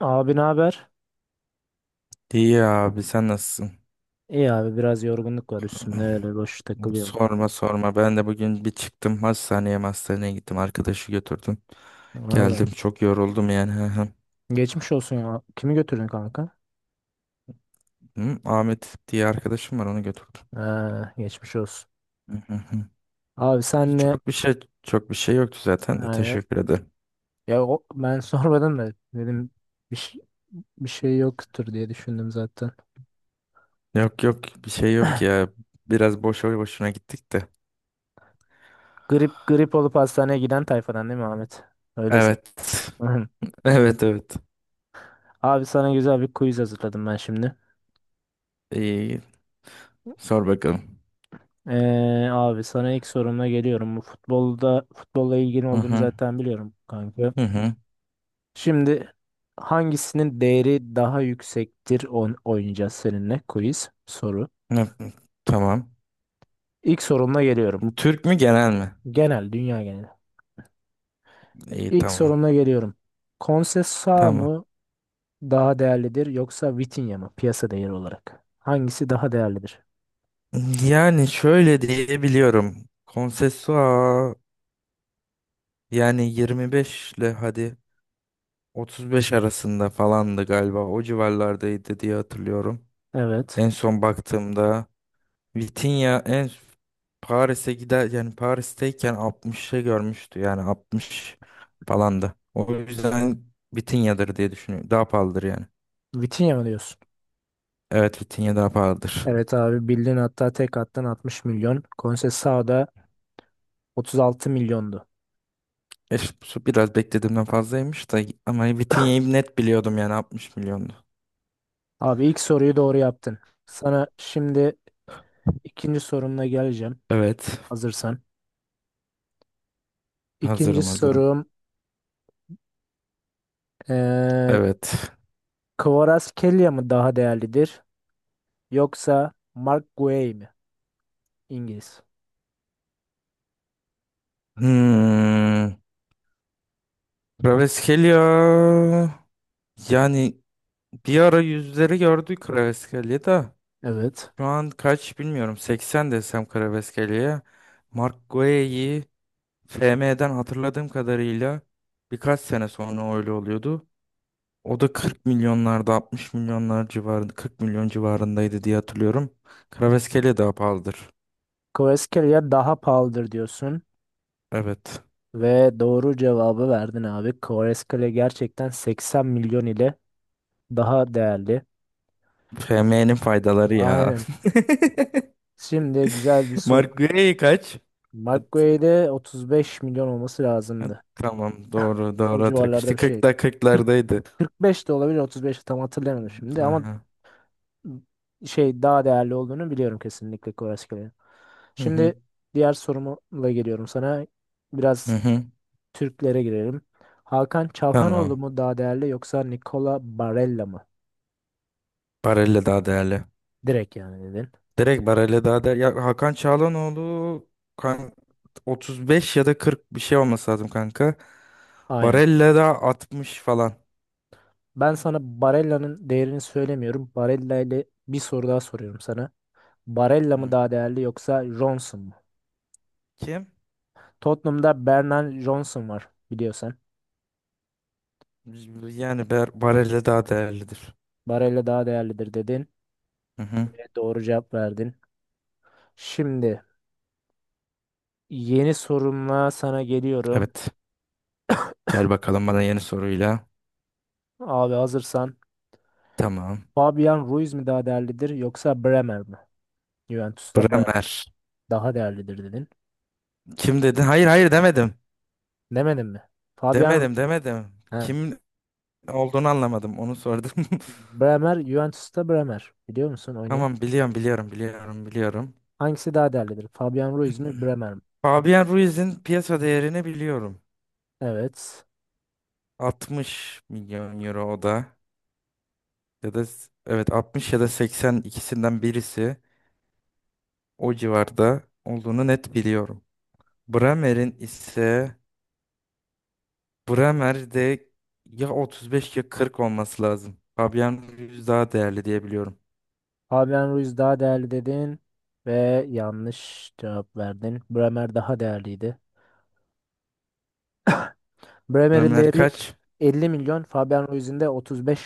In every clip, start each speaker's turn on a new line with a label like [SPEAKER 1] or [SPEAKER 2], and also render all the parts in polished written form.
[SPEAKER 1] Abi ne haber?
[SPEAKER 2] İyi abi sen nasılsın?
[SPEAKER 1] İyi abi biraz yorgunluk var üstümde öyle boş takılıyorum.
[SPEAKER 2] Sorma sorma ben de bugün bir çıktım hastaneye gittim arkadaşı götürdüm.
[SPEAKER 1] Valla.
[SPEAKER 2] Geldim çok yoruldum yani. Hı hı.
[SPEAKER 1] Geçmiş olsun ya. Kimi götürdün kanka?
[SPEAKER 2] Hı, Ahmet diye arkadaşım var onu götürdüm.
[SPEAKER 1] Ee, Geçmiş olsun.
[SPEAKER 2] Hı hı hı.
[SPEAKER 1] Abi senle
[SPEAKER 2] Çok bir şey yoktu zaten de
[SPEAKER 1] ha, ya,
[SPEAKER 2] teşekkür ederim.
[SPEAKER 1] ya o, ben sormadım da dedim bir, şey- bir şey yoktur diye düşündüm zaten.
[SPEAKER 2] Yok yok bir şey yok ya, biraz boşa boşuna gittik de.
[SPEAKER 1] Grip grip olup hastaneye giden tayfadan değil mi Ahmet? Öyleyse.
[SPEAKER 2] Evet. Evet, evet.
[SPEAKER 1] Abi sana güzel bir quiz hazırladım ben şimdi.
[SPEAKER 2] iyi sor bakalım.
[SPEAKER 1] Abi sana ilk sorumla geliyorum. Bu futbolla ilgili
[SPEAKER 2] Hı
[SPEAKER 1] olduğunu
[SPEAKER 2] hı
[SPEAKER 1] zaten biliyorum kanka.
[SPEAKER 2] hı hı.
[SPEAKER 1] Şimdi hangisinin değeri daha yüksektir on oynayacağız seninle quiz soru.
[SPEAKER 2] Hı, tamam.
[SPEAKER 1] İlk sorumla geliyorum.
[SPEAKER 2] Türk mü genel mi?
[SPEAKER 1] Genel, dünya geneli.
[SPEAKER 2] İyi,
[SPEAKER 1] İlk
[SPEAKER 2] tamam.
[SPEAKER 1] sorumla geliyorum. Konsesua
[SPEAKER 2] Tamam.
[SPEAKER 1] mı daha değerlidir yoksa Vitinha mı piyasa değeri olarak? Hangisi daha değerlidir?
[SPEAKER 2] Yani şöyle diyebiliyorum. Konsesua yani 25 ile hadi 35 arasında falandı galiba. O civarlardaydı diye hatırlıyorum.
[SPEAKER 1] Evet.
[SPEAKER 2] En son baktığımda Vitinha Paris'e gider, yani Paris'teyken 60'ı görmüştü. Yani 60 falandı. O yüzden Vitinha'dır diye düşünüyorum. Daha pahalıdır yani.
[SPEAKER 1] Vitinha mı diyorsun?
[SPEAKER 2] Evet, Vitinha daha pahalıdır.
[SPEAKER 1] Evet abi bildin, hatta tek attan 60 milyon. Konsesua da 36 milyondu.
[SPEAKER 2] E, su biraz beklediğimden fazlaymış da, ama Vitinha'yı net biliyordum, yani 60 milyondu.
[SPEAKER 1] Abi ilk soruyu doğru yaptın. Sana şimdi ikinci sorumla geleceğim.
[SPEAKER 2] Evet.
[SPEAKER 1] Hazırsan. İkinci
[SPEAKER 2] Hazırım, hazırım.
[SPEAKER 1] sorum. eee
[SPEAKER 2] Evet.
[SPEAKER 1] Kvaratskhelia mı daha değerlidir? Yoksa Mark Guay mi? İngiliz.
[SPEAKER 2] Hmm. Kraveskelya. Yani bir ara yüzleri gördük Kraveskelya da.
[SPEAKER 1] Evet.
[SPEAKER 2] Şu an kaç bilmiyorum. 80 desem Kraveskelya'ya. Mark Guehi FM'den hatırladığım kadarıyla birkaç sene sonra öyle oluyordu. O da 40 milyonlarda, 60 milyonlar civarında, 40 milyon civarındaydı diye hatırlıyorum. Kraveskelya daha pahalıdır.
[SPEAKER 1] Kvaratskhelia daha pahalıdır diyorsun.
[SPEAKER 2] Evet.
[SPEAKER 1] Ve doğru cevabı verdin abi. Kvaratskhelia gerçekten 80 milyon ile daha değerli.
[SPEAKER 2] FM'nin faydaları ya.
[SPEAKER 1] Aynen. Şimdi güzel bir soru.
[SPEAKER 2] Mark Gray kaç?
[SPEAKER 1] Mark
[SPEAKER 2] At-
[SPEAKER 1] Guay'de 35 milyon olması
[SPEAKER 2] at-
[SPEAKER 1] lazımdı.
[SPEAKER 2] tamam doğru,
[SPEAKER 1] O
[SPEAKER 2] doğru hatırlıyorum.
[SPEAKER 1] civarlarda
[SPEAKER 2] İşte
[SPEAKER 1] bir şey.
[SPEAKER 2] 40'lar
[SPEAKER 1] 40,
[SPEAKER 2] 40'lardaydı.
[SPEAKER 1] 45 de olabilir, 35 de tam hatırlayamadım şimdi ama
[SPEAKER 2] Aha.
[SPEAKER 1] şey daha değerli olduğunu biliyorum kesinlikle, Kvaratskhelia.
[SPEAKER 2] Hı hı.
[SPEAKER 1] Şimdi diğer sorumla geliyorum sana.
[SPEAKER 2] Hı
[SPEAKER 1] Biraz
[SPEAKER 2] hı.
[SPEAKER 1] Türklere girelim. Hakan Çalhanoğlu
[SPEAKER 2] Tamam.
[SPEAKER 1] mu daha değerli yoksa Nicola Barella mı?
[SPEAKER 2] Barella daha değerli.
[SPEAKER 1] Direkt yani dedin.
[SPEAKER 2] Direkt Barella daha değerli. Ya, Hakan Çağlanoğlu kan 35 ya da 40 bir şey olması lazım kanka.
[SPEAKER 1] Aynen.
[SPEAKER 2] Barella da 60 falan.
[SPEAKER 1] Ben sana Barella'nın değerini söylemiyorum. Barella ile bir soru daha soruyorum sana. Barella mı
[SPEAKER 2] Hı.
[SPEAKER 1] daha değerli yoksa Johnson mu?
[SPEAKER 2] Kim?
[SPEAKER 1] Tottenham'da Bernard Johnson var, biliyorsan.
[SPEAKER 2] Yani Barella daha değerlidir.
[SPEAKER 1] Barella daha değerlidir dedin.
[SPEAKER 2] Hı hı.
[SPEAKER 1] Ve doğru cevap verdin. Şimdi yeni sorumla sana geliyorum.
[SPEAKER 2] Evet. Gel bakalım bana yeni soruyla.
[SPEAKER 1] Abi hazırsan.
[SPEAKER 2] Tamam.
[SPEAKER 1] Fabian Ruiz mi daha değerlidir yoksa Bremer mi? Juventus'ta Bremer
[SPEAKER 2] Bremer.
[SPEAKER 1] daha değerlidir dedin.
[SPEAKER 2] Kim dedin? Hayır, hayır demedim.
[SPEAKER 1] Demedin mi? Fabian,
[SPEAKER 2] Demedim, demedim.
[SPEAKER 1] he.
[SPEAKER 2] Kim olduğunu anlamadım. Onu sordum.
[SPEAKER 1] Bremer, Juventus'ta Bremer. Biliyor musun oynayan?
[SPEAKER 2] Tamam, biliyorum, biliyorum, biliyorum, biliyorum.
[SPEAKER 1] Hangisi daha değerlidir? Fabian Ruiz mi Bremer mi?
[SPEAKER 2] Fabian Ruiz'in piyasa değerini biliyorum.
[SPEAKER 1] Evet.
[SPEAKER 2] 60 milyon euro o da. Ya da evet 60 ya da 80, ikisinden birisi o civarda olduğunu net biliyorum. Bremer'in ise Bremer'de ya 35 ya 40 olması lazım. Fabian Ruiz daha değerli diye biliyorum.
[SPEAKER 1] Fabian Ruiz daha değerli dedin ve yanlış cevap verdin. Bremer daha değerliydi. Bremer'in
[SPEAKER 2] Bremer
[SPEAKER 1] değeri
[SPEAKER 2] kaç?
[SPEAKER 1] 50 milyon. Fabian Ruiz'in de 35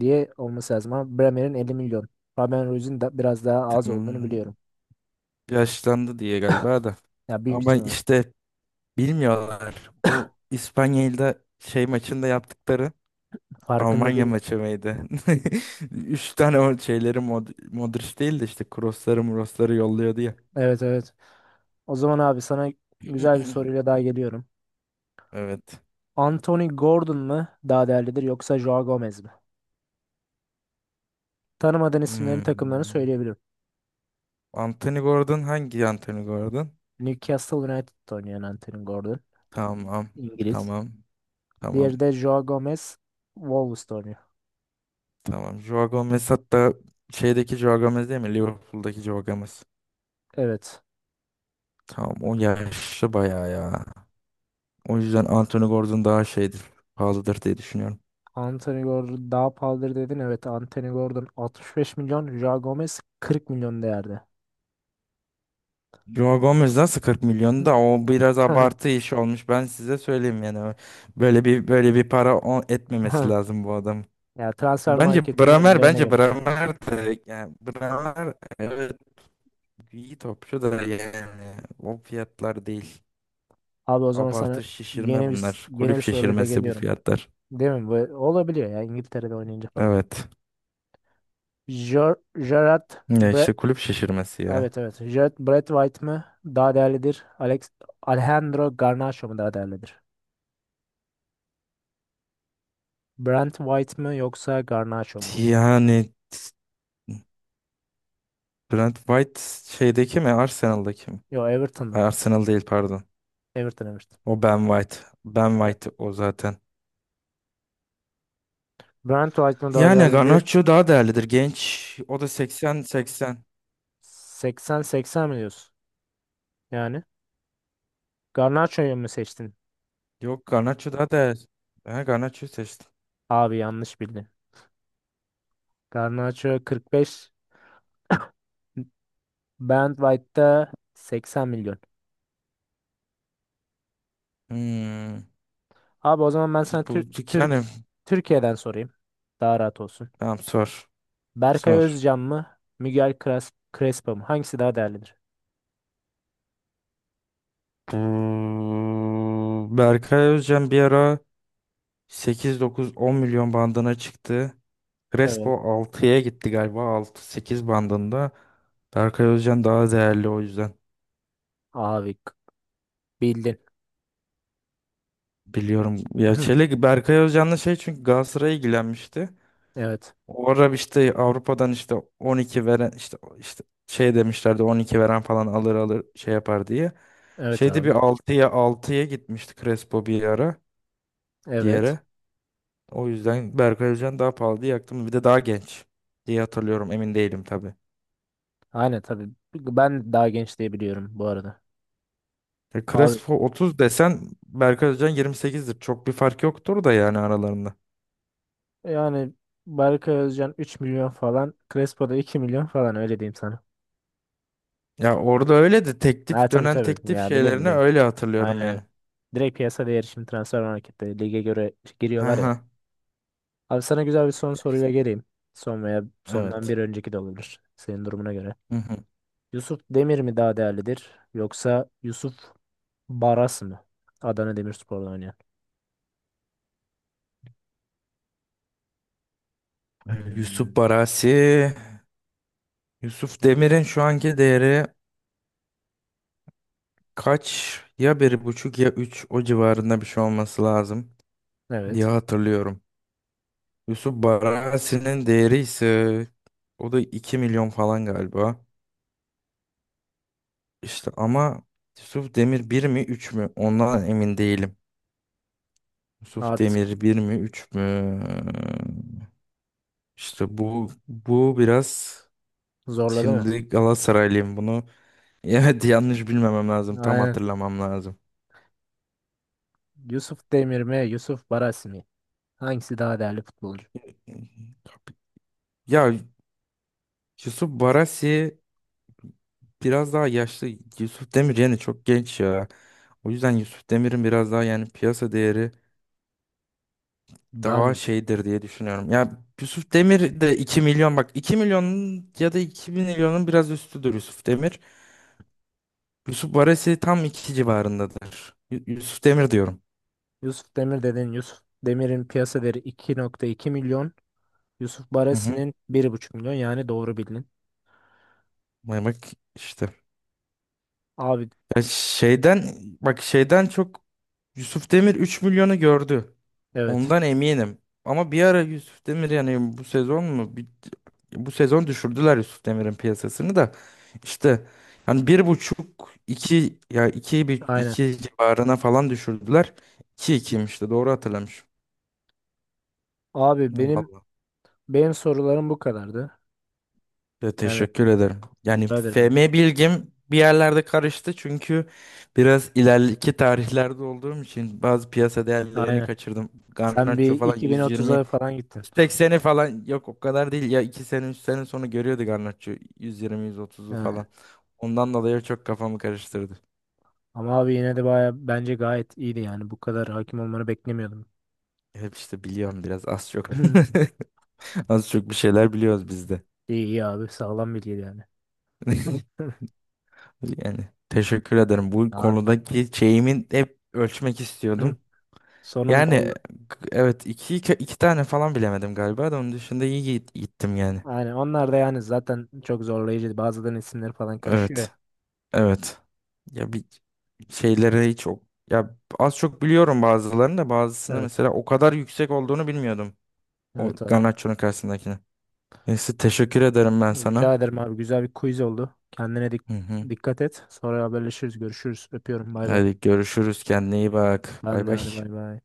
[SPEAKER 1] diye olması lazım ama Bremer'in 50 milyon. Fabian Ruiz'in de biraz daha az olduğunu biliyorum.
[SPEAKER 2] Tamam. Yaşlandı diye galiba da.
[SPEAKER 1] Ya büyük
[SPEAKER 2] Ama
[SPEAKER 1] ihtimal.
[SPEAKER 2] işte bilmiyorlar. O İspanya'da şey maçında yaptıkları,
[SPEAKER 1] Farkında
[SPEAKER 2] Almanya
[SPEAKER 1] değil.
[SPEAKER 2] maçı mıydı? Üç tane o şeyleri Modric değil de işte crossları murosları yolluyordu ya.
[SPEAKER 1] Evet evet. O zaman abi sana güzel bir soruyla daha geliyorum.
[SPEAKER 2] Evet.
[SPEAKER 1] Anthony Gordon mu daha değerlidir yoksa Joao Gomez mi? Tanımadığın isimlerin takımlarını
[SPEAKER 2] Hmm.
[SPEAKER 1] söyleyebilirim.
[SPEAKER 2] Anthony Gordon, hangi Anthony Gordon?
[SPEAKER 1] Newcastle United'da oynayan Anthony Gordon.
[SPEAKER 2] Tamam.
[SPEAKER 1] İngiliz.
[SPEAKER 2] Tamam. Tamam.
[SPEAKER 1] Diğeri de Joao Gomez. Wolves'ta oynuyor.
[SPEAKER 2] Tamam. Joao Gomez, hatta şeydeki Joao Gomez değil mi? Liverpool'daki Joao Gomez.
[SPEAKER 1] Evet.
[SPEAKER 2] Tamam, o yaşlı bayağı ya. O yüzden Anthony Gordon daha şeydir. Pahalıdır diye düşünüyorum.
[SPEAKER 1] Anthony Gordon daha pahalıdır dedin. Evet, Anthony Gordon 65 milyon. Joao Gomez 40 milyon değerde.
[SPEAKER 2] Joe Gomez nasıl 40 milyon da, o biraz abartı iş olmuş. Ben size söyleyeyim yani. Böyle bir para etmemesi lazım bu adam.
[SPEAKER 1] Ya transfer marketin verilerine
[SPEAKER 2] Bence
[SPEAKER 1] göre.
[SPEAKER 2] Bramer de, yani Bramer evet, iyi topçu da, yani o fiyatlar değil.
[SPEAKER 1] Abi o zaman sana
[SPEAKER 2] Abartı şişirme
[SPEAKER 1] yeni bir
[SPEAKER 2] bunlar.
[SPEAKER 1] yeni
[SPEAKER 2] Kulüp
[SPEAKER 1] bir soruyla
[SPEAKER 2] şişirmesi bu
[SPEAKER 1] geliyorum.
[SPEAKER 2] fiyatlar.
[SPEAKER 1] Değil mi? Bu olabiliyor ya İngiltere'de oynayınca falan.
[SPEAKER 2] Evet.
[SPEAKER 1] Ger Gerard
[SPEAKER 2] Ya
[SPEAKER 1] Bre
[SPEAKER 2] işte, kulüp şişirmesi ya.
[SPEAKER 1] Evet evet. Gerard Brett White mı daha değerlidir? Alejandro Garnacho mu daha değerlidir? Brent White mı yoksa Garnacho mu?
[SPEAKER 2] Yani Brent White şeydeki mi, Arsenal'daki mi?
[SPEAKER 1] Yo, Everton mu?
[SPEAKER 2] Ay, Arsenal değil, pardon.
[SPEAKER 1] Everton Everton.
[SPEAKER 2] O Ben White. Ben
[SPEAKER 1] Evet.
[SPEAKER 2] White o zaten.
[SPEAKER 1] Brent White mı daha
[SPEAKER 2] Yani
[SPEAKER 1] değerlidir?
[SPEAKER 2] Garnacho daha değerlidir. Genç. O da 80-80.
[SPEAKER 1] 80-80 mi diyorsun? Yani Garnaço'yu mu seçtin?
[SPEAKER 2] Yok, Garnacho daha değerli. Ben Garnacho'yu seçtim.
[SPEAKER 1] Abi yanlış bildin. Garnaço 45, Brand White'da 80 milyon.
[SPEAKER 2] Hmm.
[SPEAKER 1] Abi o zaman ben sana
[SPEAKER 2] Bu, yani
[SPEAKER 1] Türkiye'den sorayım. Daha rahat olsun.
[SPEAKER 2] tamam, sor.
[SPEAKER 1] Berkay
[SPEAKER 2] Sor.
[SPEAKER 1] Özcan mı? Miguel Cres- Crespo mu? Hangisi daha değerlidir?
[SPEAKER 2] Berkay Özcan bir ara 8-9-10 milyon bandına çıktı. Crespo
[SPEAKER 1] Evet.
[SPEAKER 2] altıya gitti galiba. 6 sekiz bandında. Berkay Özcan daha değerli o yüzden.
[SPEAKER 1] Abi bildin.
[SPEAKER 2] Biliyorum. Ya, Çelik Berkay Özcan'la şey, çünkü Galatasaray'a ilgilenmişti.
[SPEAKER 1] Evet.
[SPEAKER 2] O ara işte Avrupa'dan işte 12 veren işte şey demişlerdi, 12 veren falan alır, alır şey yapar diye.
[SPEAKER 1] Evet
[SPEAKER 2] Şeyde bir
[SPEAKER 1] abi.
[SPEAKER 2] altıya gitmişti Crespo bir ara bir
[SPEAKER 1] Evet.
[SPEAKER 2] yere. O yüzden Berkay Özcan daha pahalı diye yaktım. Bir de daha genç diye hatırlıyorum. Emin değilim tabii.
[SPEAKER 1] Aynen tabii. Ben daha genç diye biliyorum bu arada.
[SPEAKER 2] Ya,
[SPEAKER 1] Abi,
[SPEAKER 2] Crespo 30 desen Berkay Özcan 28'dir. Çok bir fark yoktur da yani aralarında.
[SPEAKER 1] yani Berkay Özcan 3 milyon falan. Crespo'da 2 milyon falan, öyle diyeyim sana.
[SPEAKER 2] Ya orada öyle de,
[SPEAKER 1] Ha
[SPEAKER 2] teklif
[SPEAKER 1] tabii
[SPEAKER 2] dönen
[SPEAKER 1] tabii.
[SPEAKER 2] teklif
[SPEAKER 1] Ya biliyorum
[SPEAKER 2] şeylerini
[SPEAKER 1] biliyorum.
[SPEAKER 2] öyle
[SPEAKER 1] Aynen,
[SPEAKER 2] hatırlıyorum
[SPEAKER 1] aynen.
[SPEAKER 2] yani.
[SPEAKER 1] Direkt piyasa değeri şimdi transfer markette lige göre giriyorlar ya.
[SPEAKER 2] Aha,
[SPEAKER 1] Abi sana güzel bir son soruyla geleyim. Son veya sondan
[SPEAKER 2] evet.
[SPEAKER 1] bir önceki de olabilir. Senin durumuna göre.
[SPEAKER 2] Hı hı.
[SPEAKER 1] Yusuf Demir mi daha değerlidir? Yoksa Yusuf Baras mı? Adana Demirspor'da oynayan.
[SPEAKER 2] Yusuf
[SPEAKER 1] Hmm,
[SPEAKER 2] Barasi. Yusuf Demir'in şu anki değeri kaç? Ya 1,5 ya üç, o civarında bir şey olması lazım diye
[SPEAKER 1] evet.
[SPEAKER 2] hatırlıyorum. Yusuf Barasi'nin değeri ise o da 2 milyon falan galiba. İşte ama Yusuf Demir bir mi 3 mü? Ondan emin değilim. Yusuf
[SPEAKER 1] Artık
[SPEAKER 2] Demir bir mi 3 mü? İşte bu biraz,
[SPEAKER 1] zorladı mı?
[SPEAKER 2] şimdi Galatasaraylıyım bunu. Evet, yanlış bilmemem lazım. Tam
[SPEAKER 1] Aynen.
[SPEAKER 2] hatırlamam lazım.
[SPEAKER 1] Yusuf Demir mi? Yusuf Baras mı? Hangisi daha değerli futbolcu?
[SPEAKER 2] Ya, Yusuf Barasi biraz daha yaşlı. Yusuf Demir yani çok genç ya. O yüzden Yusuf Demir'in biraz daha yani piyasa değeri
[SPEAKER 1] Daha mı
[SPEAKER 2] daha
[SPEAKER 1] yüksek?
[SPEAKER 2] şeydir diye düşünüyorum. Ya, Yusuf Demir de 2 milyon, bak, 2 milyonun ya da 2 milyonun biraz üstüdür Yusuf Demir. Yusuf Barasi tam 2 civarındadır. Yusuf Demir diyorum.
[SPEAKER 1] Yusuf Demir dedin. Yusuf Demir'in piyasa değeri 2,2 milyon. Yusuf
[SPEAKER 2] Hı hı.
[SPEAKER 1] Baresi'nin bir buçuk milyon. Yani doğru bildin.
[SPEAKER 2] Vay, bak işte.
[SPEAKER 1] Abi
[SPEAKER 2] Ya şeyden, bak şeyden çok Yusuf Demir 3 milyonu gördü.
[SPEAKER 1] evet.
[SPEAKER 2] Ondan eminim. Ama bir ara Yusuf Demir, yani bu sezon mu? Bu sezon düşürdüler Yusuf Demir'in piyasasını da. İşte hani bir buçuk, iki, ya iki, bir
[SPEAKER 1] Aynen.
[SPEAKER 2] iki civarına falan düşürdüler. 2 ikiymiş de, doğru hatırlamışım.
[SPEAKER 1] Abi
[SPEAKER 2] Ya,
[SPEAKER 1] benim
[SPEAKER 2] vallahi.
[SPEAKER 1] benim sorularım bu kadardı.
[SPEAKER 2] Ya
[SPEAKER 1] Yani
[SPEAKER 2] teşekkür ederim. Yani
[SPEAKER 1] rica ederim.
[SPEAKER 2] FM bilgim bir yerlerde karıştı, çünkü biraz ileriki tarihlerde olduğum için bazı piyasa değerlerini
[SPEAKER 1] Aynen.
[SPEAKER 2] kaçırdım.
[SPEAKER 1] Sen bir
[SPEAKER 2] Garnacho falan 120
[SPEAKER 1] 2030'a falan gittin.
[SPEAKER 2] 180'i falan yok, o kadar değil ya, 2 sene 3 sene sonra görüyordu Garnaccio, 120-130'u
[SPEAKER 1] Yani,
[SPEAKER 2] falan. Ondan dolayı çok kafamı karıştırdı.
[SPEAKER 1] ama abi yine de baya bence gayet iyiydi yani. Bu kadar hakim olmanı beklemiyordum.
[SPEAKER 2] Hep işte biliyorum, biraz az çok. Az çok bir şeyler biliyoruz biz de.
[SPEAKER 1] İyi iyi abi. Sağlam bilgiydi yani.
[SPEAKER 2] Yani teşekkür ederim. Bu
[SPEAKER 1] Abi.
[SPEAKER 2] konudaki şeyimin hep ölçmek istiyordum.
[SPEAKER 1] Sonunda
[SPEAKER 2] Yani
[SPEAKER 1] oldu.
[SPEAKER 2] evet, iki tane falan bilemedim galiba da, onun dışında iyi gittim yani.
[SPEAKER 1] Aynen. Onlar da yani zaten çok zorlayıcıydı. Bazılarının isimleri falan karışıyor ya.
[SPEAKER 2] Evet. Evet. Ya bir şeylere hiç o ya, az çok biliyorum bazılarını da, bazısını
[SPEAKER 1] Evet.
[SPEAKER 2] mesela o kadar yüksek olduğunu bilmiyordum. O
[SPEAKER 1] Evet abi.
[SPEAKER 2] Garnaccio'nun karşısındakini. Neyse teşekkür ederim ben sana.
[SPEAKER 1] Rica ederim abi. Güzel bir quiz oldu. Kendine
[SPEAKER 2] Hı hı.
[SPEAKER 1] dikkat et. Sonra haberleşiriz. Görüşürüz. Öpüyorum. Bay bay.
[SPEAKER 2] Hadi görüşürüz, kendine iyi bak.
[SPEAKER 1] Ben
[SPEAKER 2] Bay
[SPEAKER 1] de
[SPEAKER 2] bay.
[SPEAKER 1] hadi bay bay.